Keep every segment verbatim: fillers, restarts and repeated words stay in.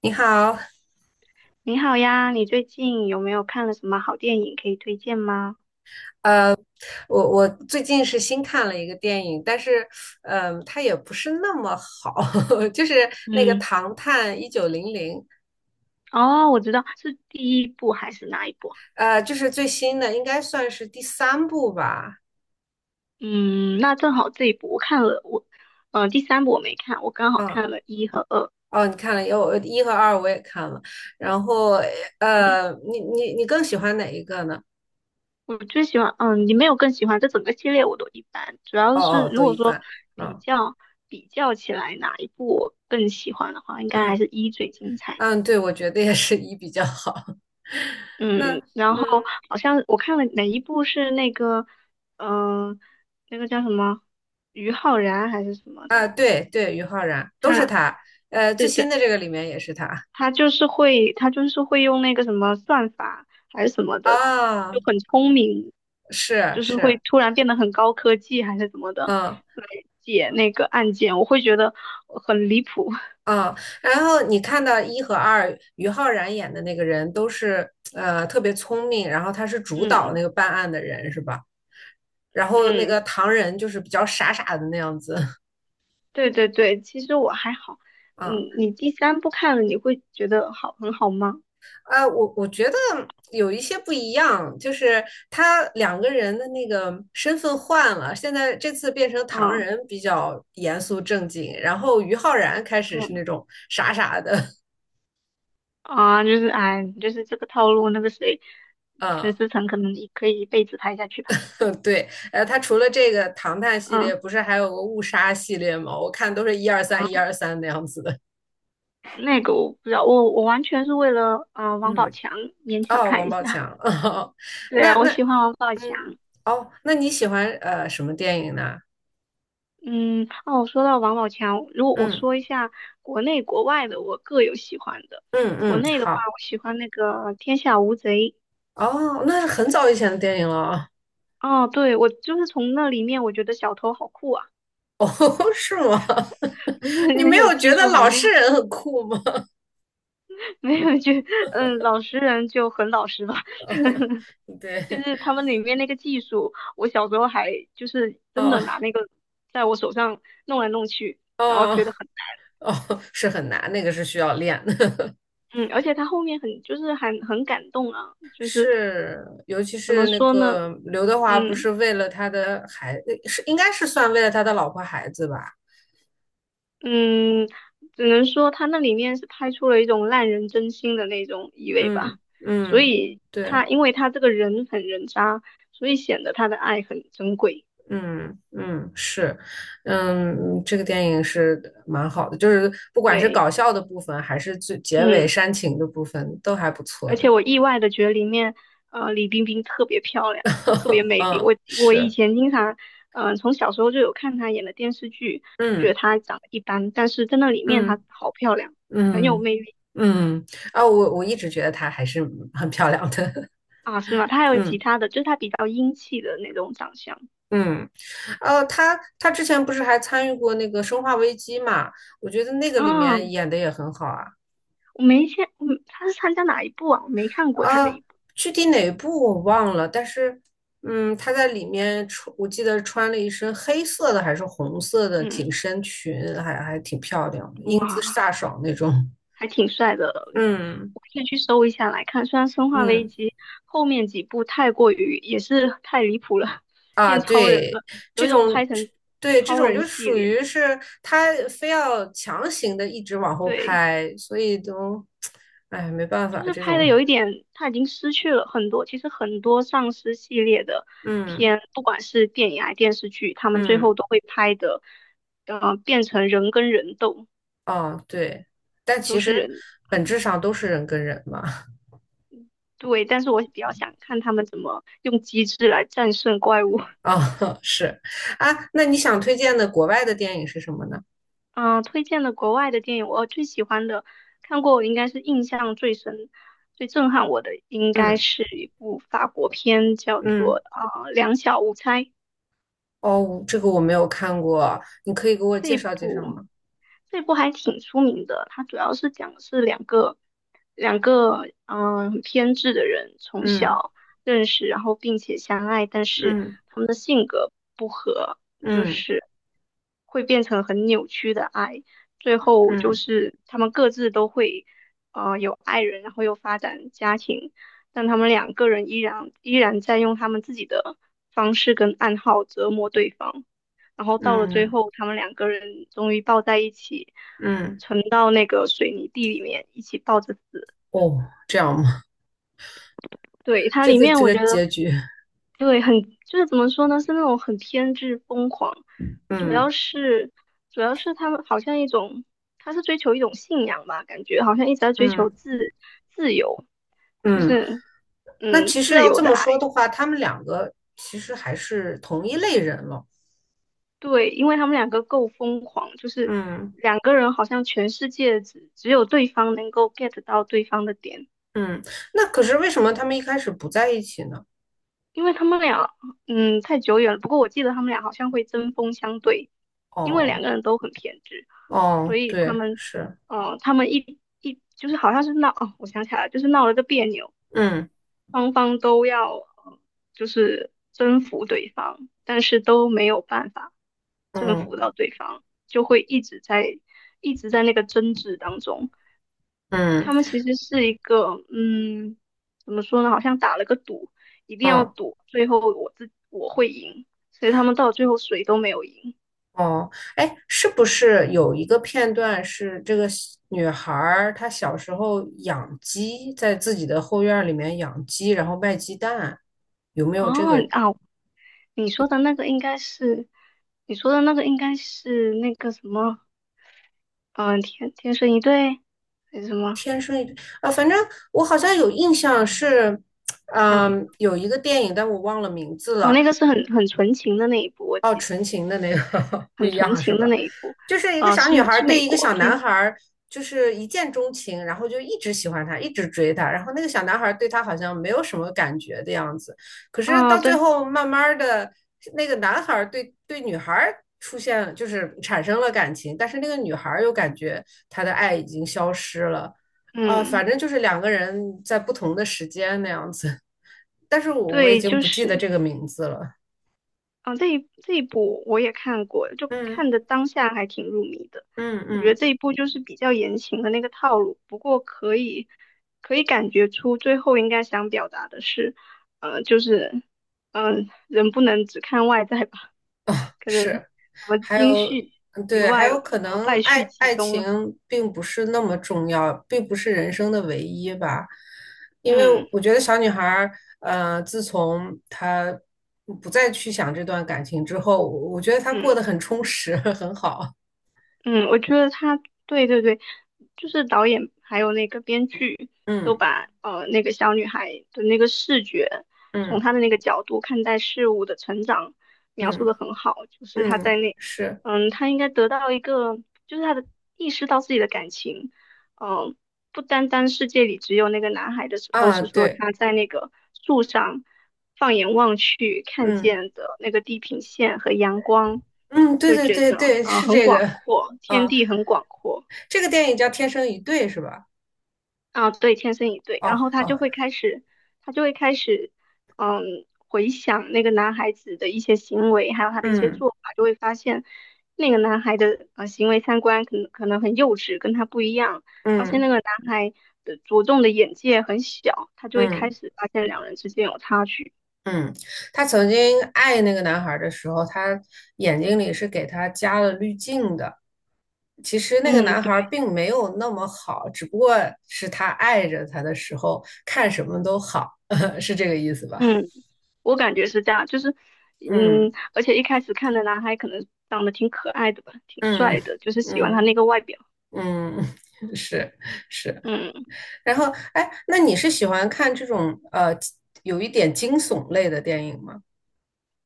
你好，你好呀，你最近有没有看了什么好电影可以推荐吗？我我最近是新看了一个电影，但是，嗯，它也不是那么好，就是那个嗯，《唐探一九零零》，哦，我知道是第一部还是哪一部啊。呃，就是最新的，应该算是第三部吧。嗯，那正好这一部我看了，我，呃，第三部我没看，我刚好嗯，看了一和二。哦，你看了，有一和二我也看了，然后，嗯，呃，你你你更喜欢哪一个呢？我最喜欢，嗯，你没有更喜欢，这整个系列我都一般，主哦要是哦，如都果一说般。比嗯较比较起来哪一部我更喜欢的话，应该还嗯是一最精彩。嗯，对，我觉得也是一比较好。那嗯，然嗯后好像我看了哪一部是那个，嗯、那个叫什么，于浩然还是什么啊，的，对对，于浩然都是他，他，呃，最对新对，的这个里面也是他。他就是会，他就是会用那个什么算法还是什么的，就啊，很聪明，是就是会是，突然变得很高科技还是怎么的嗯来解那个案件，我会觉得很离谱。嗯，然后你看到一和二，于浩然演的那个人都是呃特别聪明，然后他是主导嗯。那个办案的人是吧？然后那嗯，个唐人就是比较傻傻的那样子，对对对，其实我还好。嗯，啊你第三部看了你会觉得好很好吗？啊，我我觉得有一些不一样，就是他两个人的那个身份换了，现在这次变成唐嗯。人比较严肃正经，然后于浩然开始是嗯，那种傻傻的，啊，就是哎，就是这个套路，那个谁，陈嗯 思诚可能也可以一辈子拍下去吧。对，呃，它除了这个唐探系列，嗯，不是还有个误杀系列吗？我看都是一二啊，三一二三那样子的。那个我不知道，我我完全是为了啊呃王宝嗯，强勉强哦，看王一宝下。强，哦，对那啊，我那喜欢王宝嗯，强。哦，那你喜欢呃什么电影呢？嗯，哦，说到王宝强，如果我嗯说一下国内国外的，我各有喜欢的。嗯国嗯，内的话，好，我喜欢那个《天下无贼》。哦，那是很早以前的电影了啊。哦，对，我就是从那里面，我觉得小偷好酷啊，哦，是吗？不是 你很没有有技觉得术老含实量。人很酷吗？没有就嗯，老实人就很老实吧，就对，是他们里面那个技术，我小时候还就是真的拿哦那个在我手上弄来弄去，然后哦觉得很。哦，是很难，那个是需要练的。嗯，而且他后面很就是很很感动啊，就是是，尤其怎么是那说呢，个刘德华，不嗯。是为了他的孩，是应该是算为了他的老婆孩子吧？嗯，只能说他那里面是拍出了一种烂人真心的那种意味嗯吧，所嗯，以对，他因为他这个人很人渣，所以显得他的爱很珍贵，嗯嗯是，嗯，这个电影是蛮好的，就是不管是对，搞笑的部分，还是最结尾嗯。煽情的部分，都还不错而的。且我意外的觉得里面，呃，李冰冰特别漂亮，特别 美丽。嗯，我我以是，前经常，嗯、呃，从小时候就有看她演的电视剧，觉得嗯她长得一般，但是在那里面她嗯好漂亮，很有嗯魅力。嗯，嗯啊，我我一直觉得她还是很漂亮的。啊，是吗？她还有其嗯。他的，就是她比较英气的那种长相嗯，呃，他他之前不是还参与过那个《生化危机》嘛？我觉得那个里啊。面演的也很好啊。我没见，嗯，她是参加哪一部啊？我没看过她那啊，一部。具体哪部我忘了，但是，嗯，他在里面穿，我记得穿了一身黑色的还是红色的紧嗯，身裙，还还挺漂亮的英姿哇，飒爽那种。还挺帅 的。嗯我可以去搜一下来看。虽然《生化危嗯。机》后面几部太过于也是太离谱了，啊，变超人对，了，有这一种拍种，成对，这超种人就系属列，于是他非要强行的一直往后对，拍，所以都，哎，没办法，就是这拍种，的有一点他已经失去了很多。其实很多丧尸系列的嗯片，不管是电影还是电视剧，他们最后嗯，都会拍的，呃，变成人跟人斗，哦，对，但都其是实人。本质上都是人跟人嘛。对，但是我比较想看他们怎么用机智来战胜怪物。啊、哦，是啊，那你想推荐的国外的电影是什么呢？嗯、呃推荐的国外的电影，我最喜欢的，看过我应该是印象最深、最震撼我的，应该嗯是一部法国片，叫做嗯，呃《两小无猜》。哦，这个我没有看过，你可以给我介这绍介绍部吗？这部还挺出名的，它主要是讲的是两个两个嗯很偏执的人从嗯小认识，然后并且相爱，但是嗯他们的性格不合，就嗯是会变成很扭曲的爱，最后就嗯是他们各自都会呃有爱人，然后又发展家庭，但他们两个人依然依然在用他们自己的方式跟暗号折磨对方。然后到了最嗯后，他们两个人终于抱在一起，嗯，沉到那个水泥地里面，一起抱着死。哦，对，它这里个面这我个觉得，结局。对，很，就是怎么说呢，是那种很偏执疯狂，主嗯要是主要是他们好像一种，他是追求一种信仰吧，感觉好像一直在追求嗯自自由，就嗯，是那嗯其实自要由这的么爱。说的话，他们两个其实还是同一类人了。对，因为他们两个够疯狂，就是嗯两个人好像全世界只只有对方能够 get 到对方的点，嗯，那可是为什么他们一开始不在一起呢？因为他们俩，嗯，太久远了。不过我记得他们俩好像会针锋相对，因为两哦个人都很偏执，所哦，以他对，们，是，嗯他们一一就是好像是闹，哦，我想起来了，就是闹了个别扭，嗯双方都要呃就是征服对方，但是都没有办法征嗯服到对方，就会一直在一直在那个争执当中。嗯他们其实是一个嗯，怎么说呢？好像打了个赌，一定要嗯赌最后我自我会赢，所以他们到最后谁都没有赢。哦，哎，是不是有一个片段是这个小女孩儿她小时候养鸡，在自己的后院儿里面养鸡，然后卖鸡蛋，有没有这哦个啊，你说的那个应该是你说的那个应该是那个什么，嗯、天天生一对还是什么？天生一点啊，反正我好像有印象是，嗯。嗯，有一个电影，但我忘了名字哦，了。那个是很很纯情的那一部，我哦，记得纯情的那个 不很一纯样是情的吧？那一部，就是一个呃，小女是孩是对美一个国小男片孩就是一见钟情，然后就一直喜欢他，一直追他，然后那个小男孩对她好像没有什么感觉的样子，可是啊，到最对，后慢慢的，那个男孩对对女孩。出现就是产生了感情，但是那个女孩又感觉她的爱已经消失了，啊、反嗯，正就是两个人在不同的时间那样子，但是我我已对，经就不记得是这个名字了。啊，这一这一部我也看过，就嗯看的当下还挺入迷的。嗯我觉得嗯。这一部就是比较言情的那个套路，不过可以可以感觉出最后应该想表达的是，呃，就是嗯、人不能只看外在吧，可能什是，么还金有，絮嗯于对，还外，然有可后能败爱絮其爱中了，情并不是那么重要，并不是人生的唯一吧。因为嗯。我觉得小女孩儿，呃，自从她不再去想这段感情之后，我我觉得她过嗯，得很充实，很好。嗯，我觉得他对对对，就是导演还有那个编剧都嗯把呃那个小女孩的那个视觉，从嗯她的那个角度看待事物的成长描述嗯的很好，就是她在嗯，那，是嗯，她应该得到一个，就是她的意识到自己的感情，嗯、不单单世界里只有那个男孩的时候，啊，是说对，他在那个树上放眼望去看嗯见的那个地平线和阳光，嗯，对就对觉对得对，啊、呃是很这广个阔，天啊，地很广阔。这个电影叫《天生一对》是吧？啊，对，天生一对，然哦后他哦，就会开始，他就会开始，嗯，回想那个男孩子的一些行为，还有他的一些嗯做法，就会发现那个男孩的呃行为三观可能可能很幼稚，跟他不一样，发现嗯。那个男孩的着重的眼界很小，他就会开嗯始发现两人之间有差距。嗯，她曾经爱那个男孩的时候，她眼睛里是给他加了滤镜的。其实那个嗯，男对。孩并没有那么好，只不过是她爱着他的时候，看什么都好，是这个意思吧？嗯，我感觉是这样，就是，嗯，嗯而且一开始看的男孩可能长得挺可爱的吧，挺嗯帅的，就是喜欢他那嗯个外表。嗯，是是。嗯。然后，哎，那你是喜欢看这种呃有一点惊悚类的电影吗？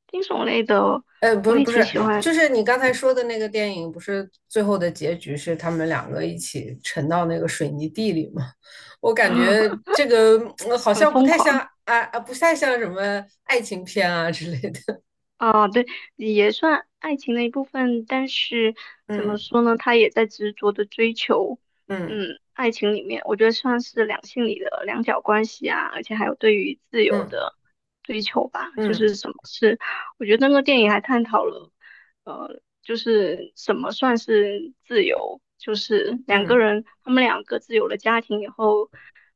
惊悚类的呃，不我是也不挺是，喜欢就的，是你刚才说的那个电影，不是最后的结局是他们两个一起沉到那个水泥地里吗？我感觉 这个呃好很像不疯太像狂。啊啊，不太像什么爱情片啊之类的。啊，对，也算爱情的一部分，但是怎么嗯说呢，他也在执着的追求，嗯嗯，爱情里面，我觉得算是两性里的两角关系啊，而且还有对于自由嗯的追求吧，就是嗯什么是，我觉得那个电影还探讨了，呃，就是什么算是自由，就是两个嗯人，他们两个自有了家庭以后，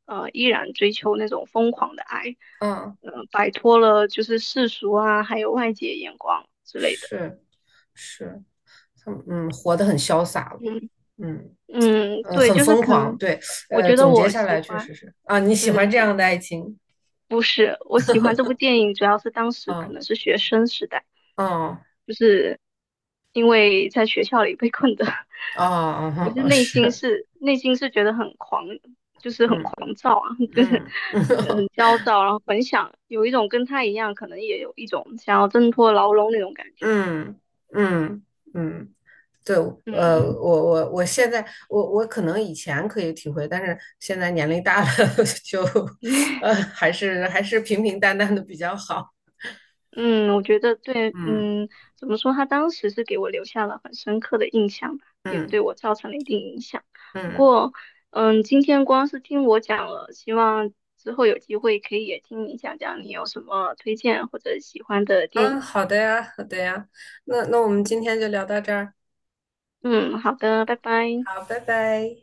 呃，依然追求那种疯狂的爱。嗯，嗯，摆脱了就是世俗啊，还有外界眼光之类的。是是，他们嗯活得很潇洒了，嗯。嗯嗯，呃对，很就是疯可狂，能，对，我呃觉得总结我下喜来确欢，实是啊，你喜对对欢这样对，的爱情不是，我喜欢这部电影，主要是当时可啊能是学生时代，啊就是因为在学校里被困的，啊 就啊，是哦内心是。是内心是觉得很狂，就是很嗯狂躁啊，就是嗯呃嗯 很 焦躁，然后很想有一种跟他一样，可能也有一种想要挣脱牢笼那种感觉。嗯嗯嗯，对，嗯。呃，我我我现在我我可能以前可以体会，但是现在年龄大了 就，呃，还是还是平平淡淡的比较好。嗯，我觉得对，嗯嗯，怎么说？他当时是给我留下了很深刻的印象吧，也嗯对我造成了一定影响。不嗯，过，嗯，今天光是听我讲了，希望之后有机会可以也听你讲讲你有什么推荐或者喜欢的电啊，影。好的呀，好的呀，那那我们今天就聊到这儿，嗯，好的，拜拜。好，拜拜。